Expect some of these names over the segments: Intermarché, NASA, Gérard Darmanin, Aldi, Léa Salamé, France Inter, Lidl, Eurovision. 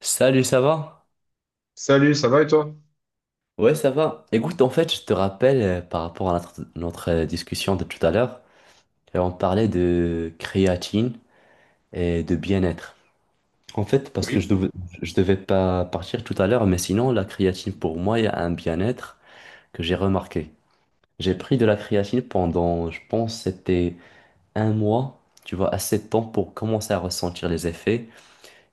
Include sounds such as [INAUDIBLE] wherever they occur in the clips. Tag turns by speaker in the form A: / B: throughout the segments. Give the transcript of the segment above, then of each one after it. A: Salut, ça va?
B: Salut, ça va et toi?
A: Ouais, ça va. Écoute, en fait, je te rappelle par rapport à notre discussion de tout à l'heure, on parlait de créatine et de bien-être. En fait, parce que
B: Oui.
A: je devais pas partir tout à l'heure, mais sinon, la créatine, pour moi, il y a un bien-être que j'ai remarqué. J'ai pris de la créatine pendant, je pense, c'était 1 mois, tu vois, assez de temps pour commencer à ressentir les effets,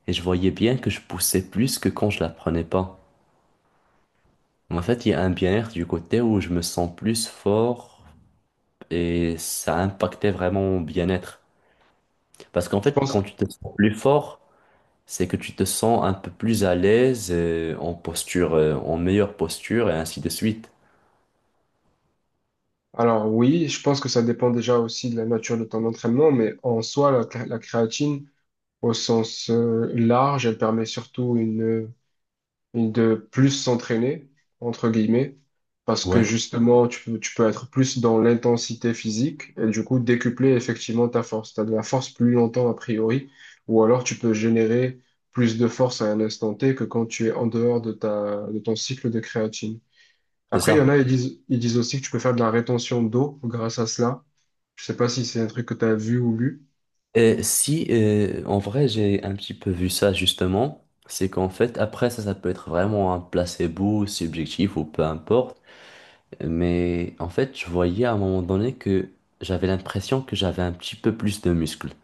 A: et je voyais bien que je poussais plus que quand je la prenais pas. En fait, il y a un bien-être du côté où je me sens plus fort et ça a impacté vraiment mon bien-être. Parce qu'en
B: Je
A: fait, quand
B: pense.
A: tu te sens plus fort, c'est que tu te sens un peu plus à l'aise en posture, en meilleure posture et ainsi de suite.
B: Alors oui, je pense que ça dépend déjà aussi de la nature de ton entraînement, mais en soi, la créatine, au sens large, elle permet surtout de plus s'entraîner, entre guillemets, parce que
A: Ouais,
B: justement, tu peux être plus dans l'intensité physique et du coup décupler effectivement ta force. Tu as de la force plus longtemps a priori, ou alors tu peux générer plus de force à un instant T que quand tu es en dehors de ton cycle de créatine.
A: c'est
B: Après, il y en
A: ça.
B: a, ils disent aussi que tu peux faire de la rétention d'eau grâce à cela. Je sais pas si c'est un truc que tu as vu ou lu.
A: Et si, en vrai, j'ai un petit peu vu ça justement, c'est qu'en fait, après ça, ça peut être vraiment un placebo subjectif ou peu importe. Mais en fait, je voyais à un moment donné que j'avais l'impression que j'avais un petit peu plus de muscles,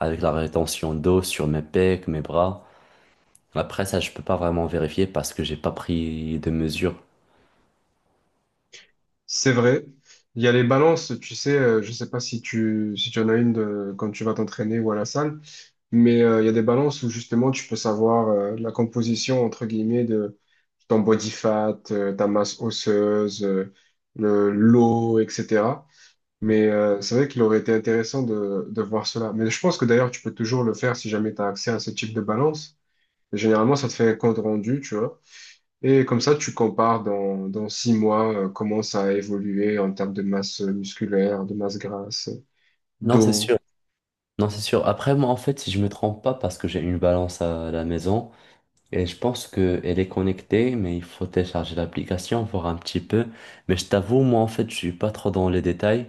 A: avec la rétention d'eau sur mes pecs, mes bras. Après ça, je peux pas vraiment vérifier parce que j'ai pas pris de mesures.
B: C'est vrai. Il y a les balances, tu sais, je sais pas si tu en as quand tu vas t'entraîner ou à la salle, mais il y a des balances où justement tu peux savoir la composition, entre guillemets, de ton body fat, ta masse osseuse, l'eau, etc. Mais c'est vrai qu'il aurait été intéressant de voir cela. Mais je pense que d'ailleurs, tu peux toujours le faire si jamais tu as accès à ce type de balance. Généralement, ça te fait un compte rendu, tu vois. Et comme ça, tu compares dans 6 mois comment ça a évolué en termes de masse musculaire, de masse grasse,
A: Non, c'est
B: d'eau.
A: sûr. Non, c'est sûr. Après, moi, en fait, si je me trompe pas, parce que j'ai une balance à la maison et je pense que elle est connectée, mais il faut télécharger l'application, voir un petit peu. Mais je t'avoue, moi, en fait, je suis pas trop dans les détails.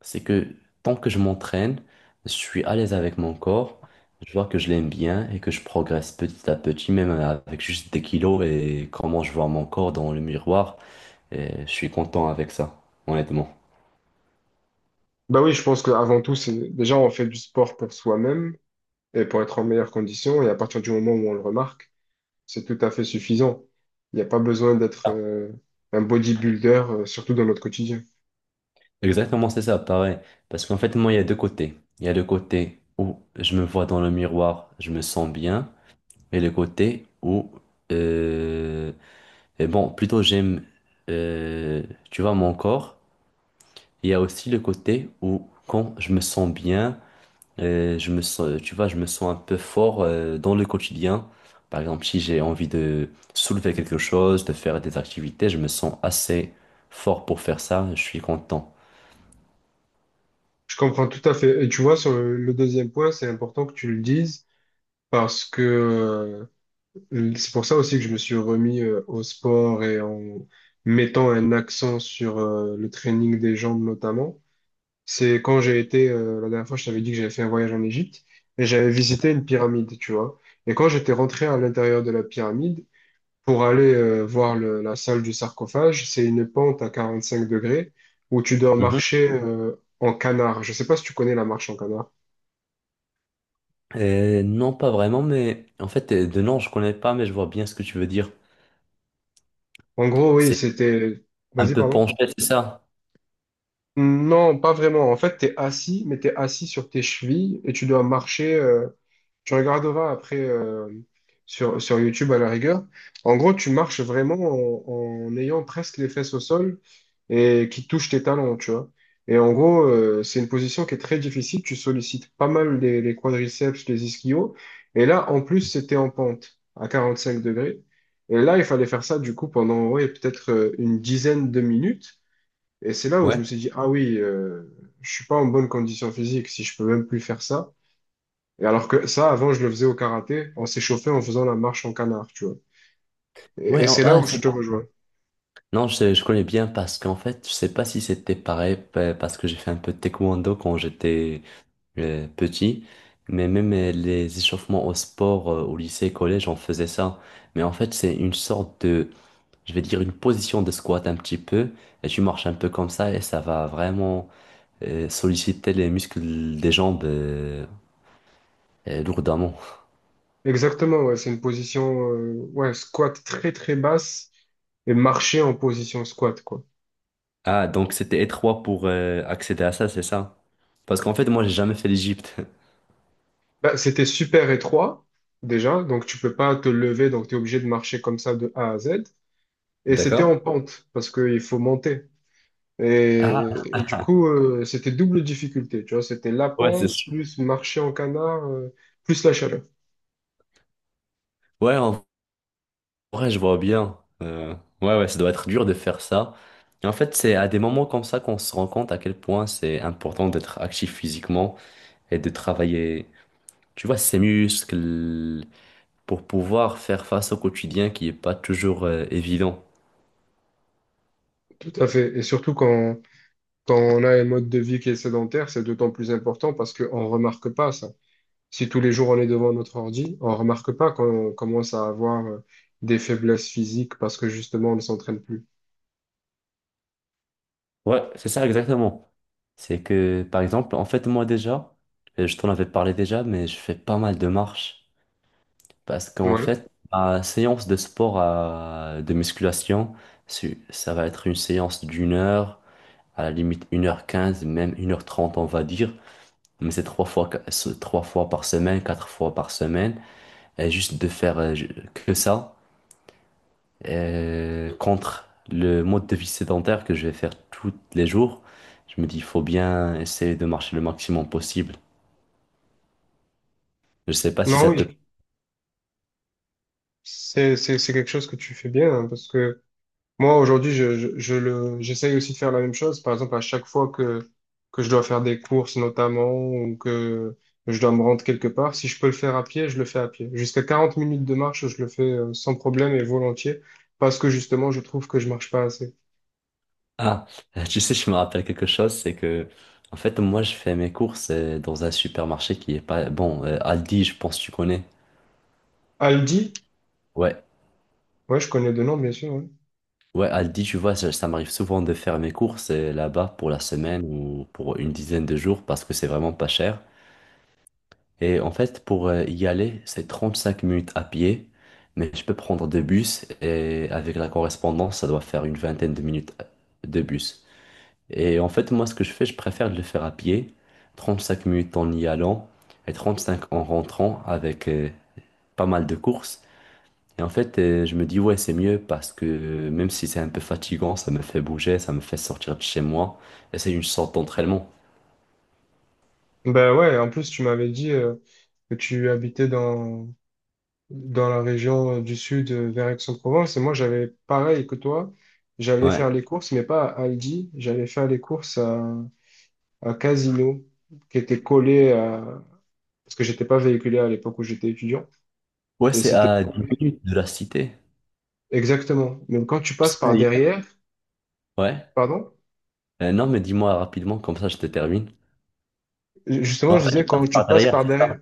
A: C'est que tant que je m'entraîne, je suis à l'aise avec mon corps, je vois que je l'aime bien et que je progresse petit à petit, même avec juste des kilos et comment je vois mon corps dans le miroir, et je suis content avec ça, honnêtement.
B: Bah oui, je pense qu'avant tout, c'est déjà on fait du sport pour soi-même et pour être en meilleure condition. Et à partir du moment où on le remarque, c'est tout à fait suffisant. Il n'y a pas besoin d'être
A: Ah.
B: un bodybuilder, surtout dans notre quotidien.
A: Exactement, c'est ça, pareil. Parce qu'en fait, moi, il y a deux côtés. Il y a le côté où je me vois dans le miroir, je me sens bien, et le côté où, euh, et bon, plutôt j'aime, euh, tu vois, mon corps. Il y a aussi le côté où quand je me sens bien, je me sens, tu vois, je me sens un peu fort dans le quotidien. Par exemple, si j'ai envie de soulever quelque chose, de faire des activités, je me sens assez fort pour faire ça, je suis content.
B: Je comprends tout à fait. Et tu vois, sur le deuxième point, c'est important que tu le dises, parce que c'est pour ça aussi que je me suis remis au sport et en mettant un accent sur le training des jambes notamment. C'est quand j'ai été, la dernière fois, je t'avais dit que j'avais fait un voyage en Égypte et j'avais visité une pyramide, tu vois. Et quand j'étais rentré à l'intérieur de la pyramide pour aller voir la salle du sarcophage, c'est une pente à 45 degrés où tu dois
A: Mhm.
B: marcher en canard. Je sais pas si tu connais la marche en canard.
A: Non, pas vraiment, mais en fait, de nom, je connais pas, mais je vois bien ce que tu veux dire.
B: En gros, oui,
A: C'est
B: c'était...
A: un
B: Vas-y,
A: peu
B: pardon.
A: penché, c'est ça?
B: Non, pas vraiment. En fait, t'es assis, mais t'es assis sur tes chevilles et tu dois marcher. Tu regarderas après, sur YouTube à la rigueur. En gros, tu marches vraiment en ayant presque les fesses au sol et qui touche tes talons, tu vois. Et en gros, c'est une position qui est très difficile. Tu sollicites pas mal les quadriceps, les ischios. Et là, en plus, c'était en pente à 45 degrés. Et là, il fallait faire ça du coup pendant ouais, peut-être une dizaine de minutes. Et c'est là où je me
A: Ouais.
B: suis dit, ah oui, je suis pas en bonne condition physique si je peux même plus faire ça. Et alors que ça, avant, je le faisais au karaté, on s'échauffait en faisant la marche en canard, tu vois. Et,
A: Ouais,
B: et
A: oh,
B: c'est là
A: ah,
B: où je
A: c'est
B: te
A: bon.
B: rejoins.
A: Non, je connais bien parce qu'en fait, je sais pas si c'était parce que j'ai fait un peu de taekwondo quand j'étais petit, mais même les échauffements au sport au lycée, collège, on faisait ça. Mais en fait, c'est une sorte de, je vais dire, une position de squat un petit peu, et tu marches un peu comme ça, et ça va vraiment solliciter les muscles des jambes lourdement.
B: Exactement, ouais, c'est une position, ouais, squat très très basse, et marcher en position squat, quoi.
A: Ah, donc c'était étroit pour accéder à ça, c'est ça? Parce qu'en fait, moi, j'ai jamais fait l'Égypte.
B: Bah, c'était super étroit, déjà, donc tu peux pas te lever, donc tu es obligé de marcher comme ça de A à Z.
A: [LAUGHS]
B: Et c'était
A: D'accord?
B: en pente, parce qu'il faut monter.
A: Ah,
B: Et du coup, c'était double difficulté, tu vois, c'était la
A: ouais, c'est
B: pente,
A: sûr.
B: plus marcher en canard, plus la chaleur.
A: Ouais, en Ouais, je vois bien. Ouais, ouais, ça doit être dur de faire ça. Et en fait, c'est à des moments comme ça qu'on se rend compte à quel point c'est important d'être actif physiquement et de travailler, tu vois, ses muscles pour pouvoir faire face au quotidien qui est pas toujours évident.
B: Tout à fait. Et surtout quand on a un mode de vie qui est sédentaire, c'est d'autant plus important parce qu'on ne remarque pas ça. Si tous les jours on est devant notre ordi, on ne remarque pas qu'on commence à avoir des faiblesses physiques parce que justement on ne s'entraîne plus.
A: Ouais, c'est ça exactement. C'est que, par exemple, en fait, moi déjà, je t'en avais parlé déjà, mais je fais pas mal de marches. Parce qu'en
B: Ouais.
A: fait, ma séance de sport de musculation, ça va être une séance d'1 heure, à la limite 1 heure 15, même 1 heure 30 on va dire, mais c'est c'est trois fois par semaine, quatre fois par semaine, et juste de faire que ça, contre le mode de vie sédentaire que je vais faire tous les jours, je me dis, il faut bien essayer de marcher le maximum possible. Je sais pas si
B: Non,
A: ça te...
B: oui. C'est quelque chose que tu fais bien hein, parce que moi, aujourd'hui, j'essaye aussi de faire la même chose. Par exemple, à chaque fois que je dois faire des courses, notamment, ou que je dois me rendre quelque part, si je peux le faire à pied, je le fais à pied. Jusqu'à 40 minutes de marche, je le fais sans problème et volontiers, parce que justement, je trouve que je marche pas assez.
A: Ah, [LAUGHS] tu sais, je me rappelle quelque chose, c'est que, en fait, moi, je fais mes courses dans un supermarché qui est pas... Bon, Aldi, je pense que tu connais.
B: Aldi,
A: Ouais.
B: ouais, je connais de nom, bien sûr. Ouais.
A: Ouais, Aldi, tu vois, ça m'arrive souvent de faire mes courses là-bas pour la semaine ou pour une dizaine de jours parce que c'est vraiment pas cher. Et en fait, pour y aller, c'est 35 minutes à pied, mais je peux prendre deux bus et avec la correspondance, ça doit faire une vingtaine de minutes de bus. Et en fait, moi, ce que je fais, je préfère le faire à pied, 35 minutes en y allant et 35 en rentrant avec pas mal de courses. Et en fait, je me dis, ouais, c'est mieux parce que même si c'est un peu fatigant, ça me fait bouger, ça me fait sortir de chez moi. Et c'est une sorte d'entraînement.
B: Ben ouais, en plus, tu m'avais dit que tu habitais dans la région du sud vers Aix-en-Provence. Et moi, j'avais pareil que toi. J'allais
A: Ouais.
B: faire les courses, mais pas à Aldi. J'allais faire les courses à Casino, qui était collé à... Parce que j'étais pas véhiculé à l'époque où j'étais étudiant.
A: Ouais,
B: Et
A: c'est
B: c'était
A: à dix
B: collé.
A: minutes de la cité.
B: Exactement. Mais quand tu passes
A: C'est
B: par
A: d'ailleurs.
B: derrière,
A: Ouais.
B: pardon,
A: Non, mais dis-moi rapidement, comme ça je te termine.
B: justement,
A: Non, en
B: je
A: fait,
B: disais,
A: je
B: quand
A: passe
B: tu
A: par
B: passes
A: derrière,
B: par
A: c'est ça.
B: derrière.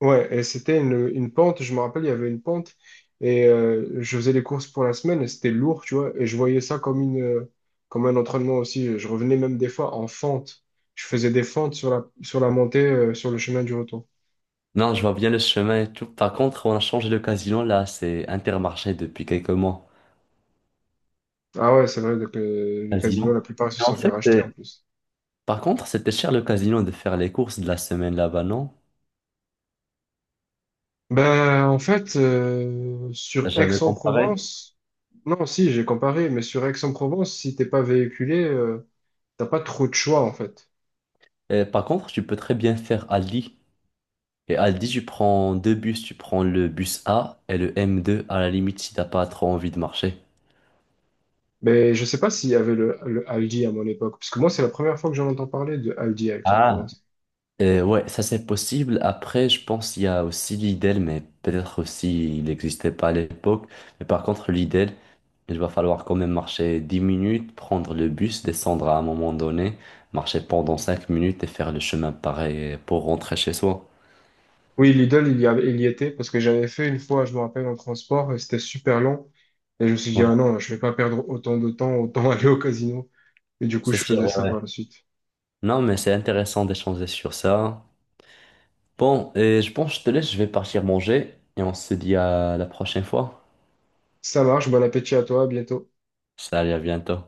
B: Ouais, et c'était une pente, je me rappelle, il y avait une pente, et je faisais les courses pour la semaine, et c'était lourd, tu vois, et je voyais ça comme une, comme un entraînement aussi. Je revenais même des fois en fente. Je faisais des fentes sur la montée, sur le chemin du retour.
A: Non, je vois bien le chemin et tout. Par contre, on a changé de casino là, c'est Intermarché depuis quelques mois.
B: Ah ouais, c'est vrai, donc, les casinos,
A: Casino.
B: la plupart, ils se
A: Mais en
B: sont fait
A: fait,
B: racheter en plus.
A: par contre, c'était cher le casino de faire les courses de la semaine là-bas, non?
B: Ben, en fait,
A: T'as
B: sur
A: jamais comparé.
B: Aix-en-Provence, non, si, j'ai comparé, mais sur Aix-en-Provence, si t'es pas véhiculé, t'as pas trop de choix, en fait.
A: Et par contre, tu peux très bien faire Ali. Et à Aldi, tu prends deux bus, tu prends le bus A et le M2 à la limite si t'as pas trop envie de marcher.
B: Mais je sais pas s'il y avait le Aldi à mon époque, parce que moi, c'est la première fois que j'en entends parler de Aldi à
A: Ah,
B: Aix-en-Provence.
A: Ouais, ça c'est possible. Après, je pense qu'il y a aussi Lidl, mais peut-être aussi il n'existait pas à l'époque. Mais par contre, Lidl, il va falloir quand même marcher 10 minutes, prendre le bus, descendre à un moment donné, marcher pendant 5 minutes et faire le chemin pareil pour rentrer chez soi.
B: Oui, Lidl, il y avait, il y était, parce que j'avais fait une fois, je me rappelle, en transport, et c'était super long. Et je me suis dit,
A: Ouais,
B: ah non, je vais pas perdre autant de temps, autant [LAUGHS] aller au casino. Et du coup,
A: c'est
B: je
A: sûr,
B: faisais
A: ouais,
B: ça
A: ouais.
B: par la suite.
A: Non, mais c'est intéressant d'échanger sur ça. Bon, et je pense que je te laisse, je vais partir manger et on se dit à la prochaine fois.
B: Ça marche, bon appétit à toi, à bientôt.
A: Salut, à bientôt.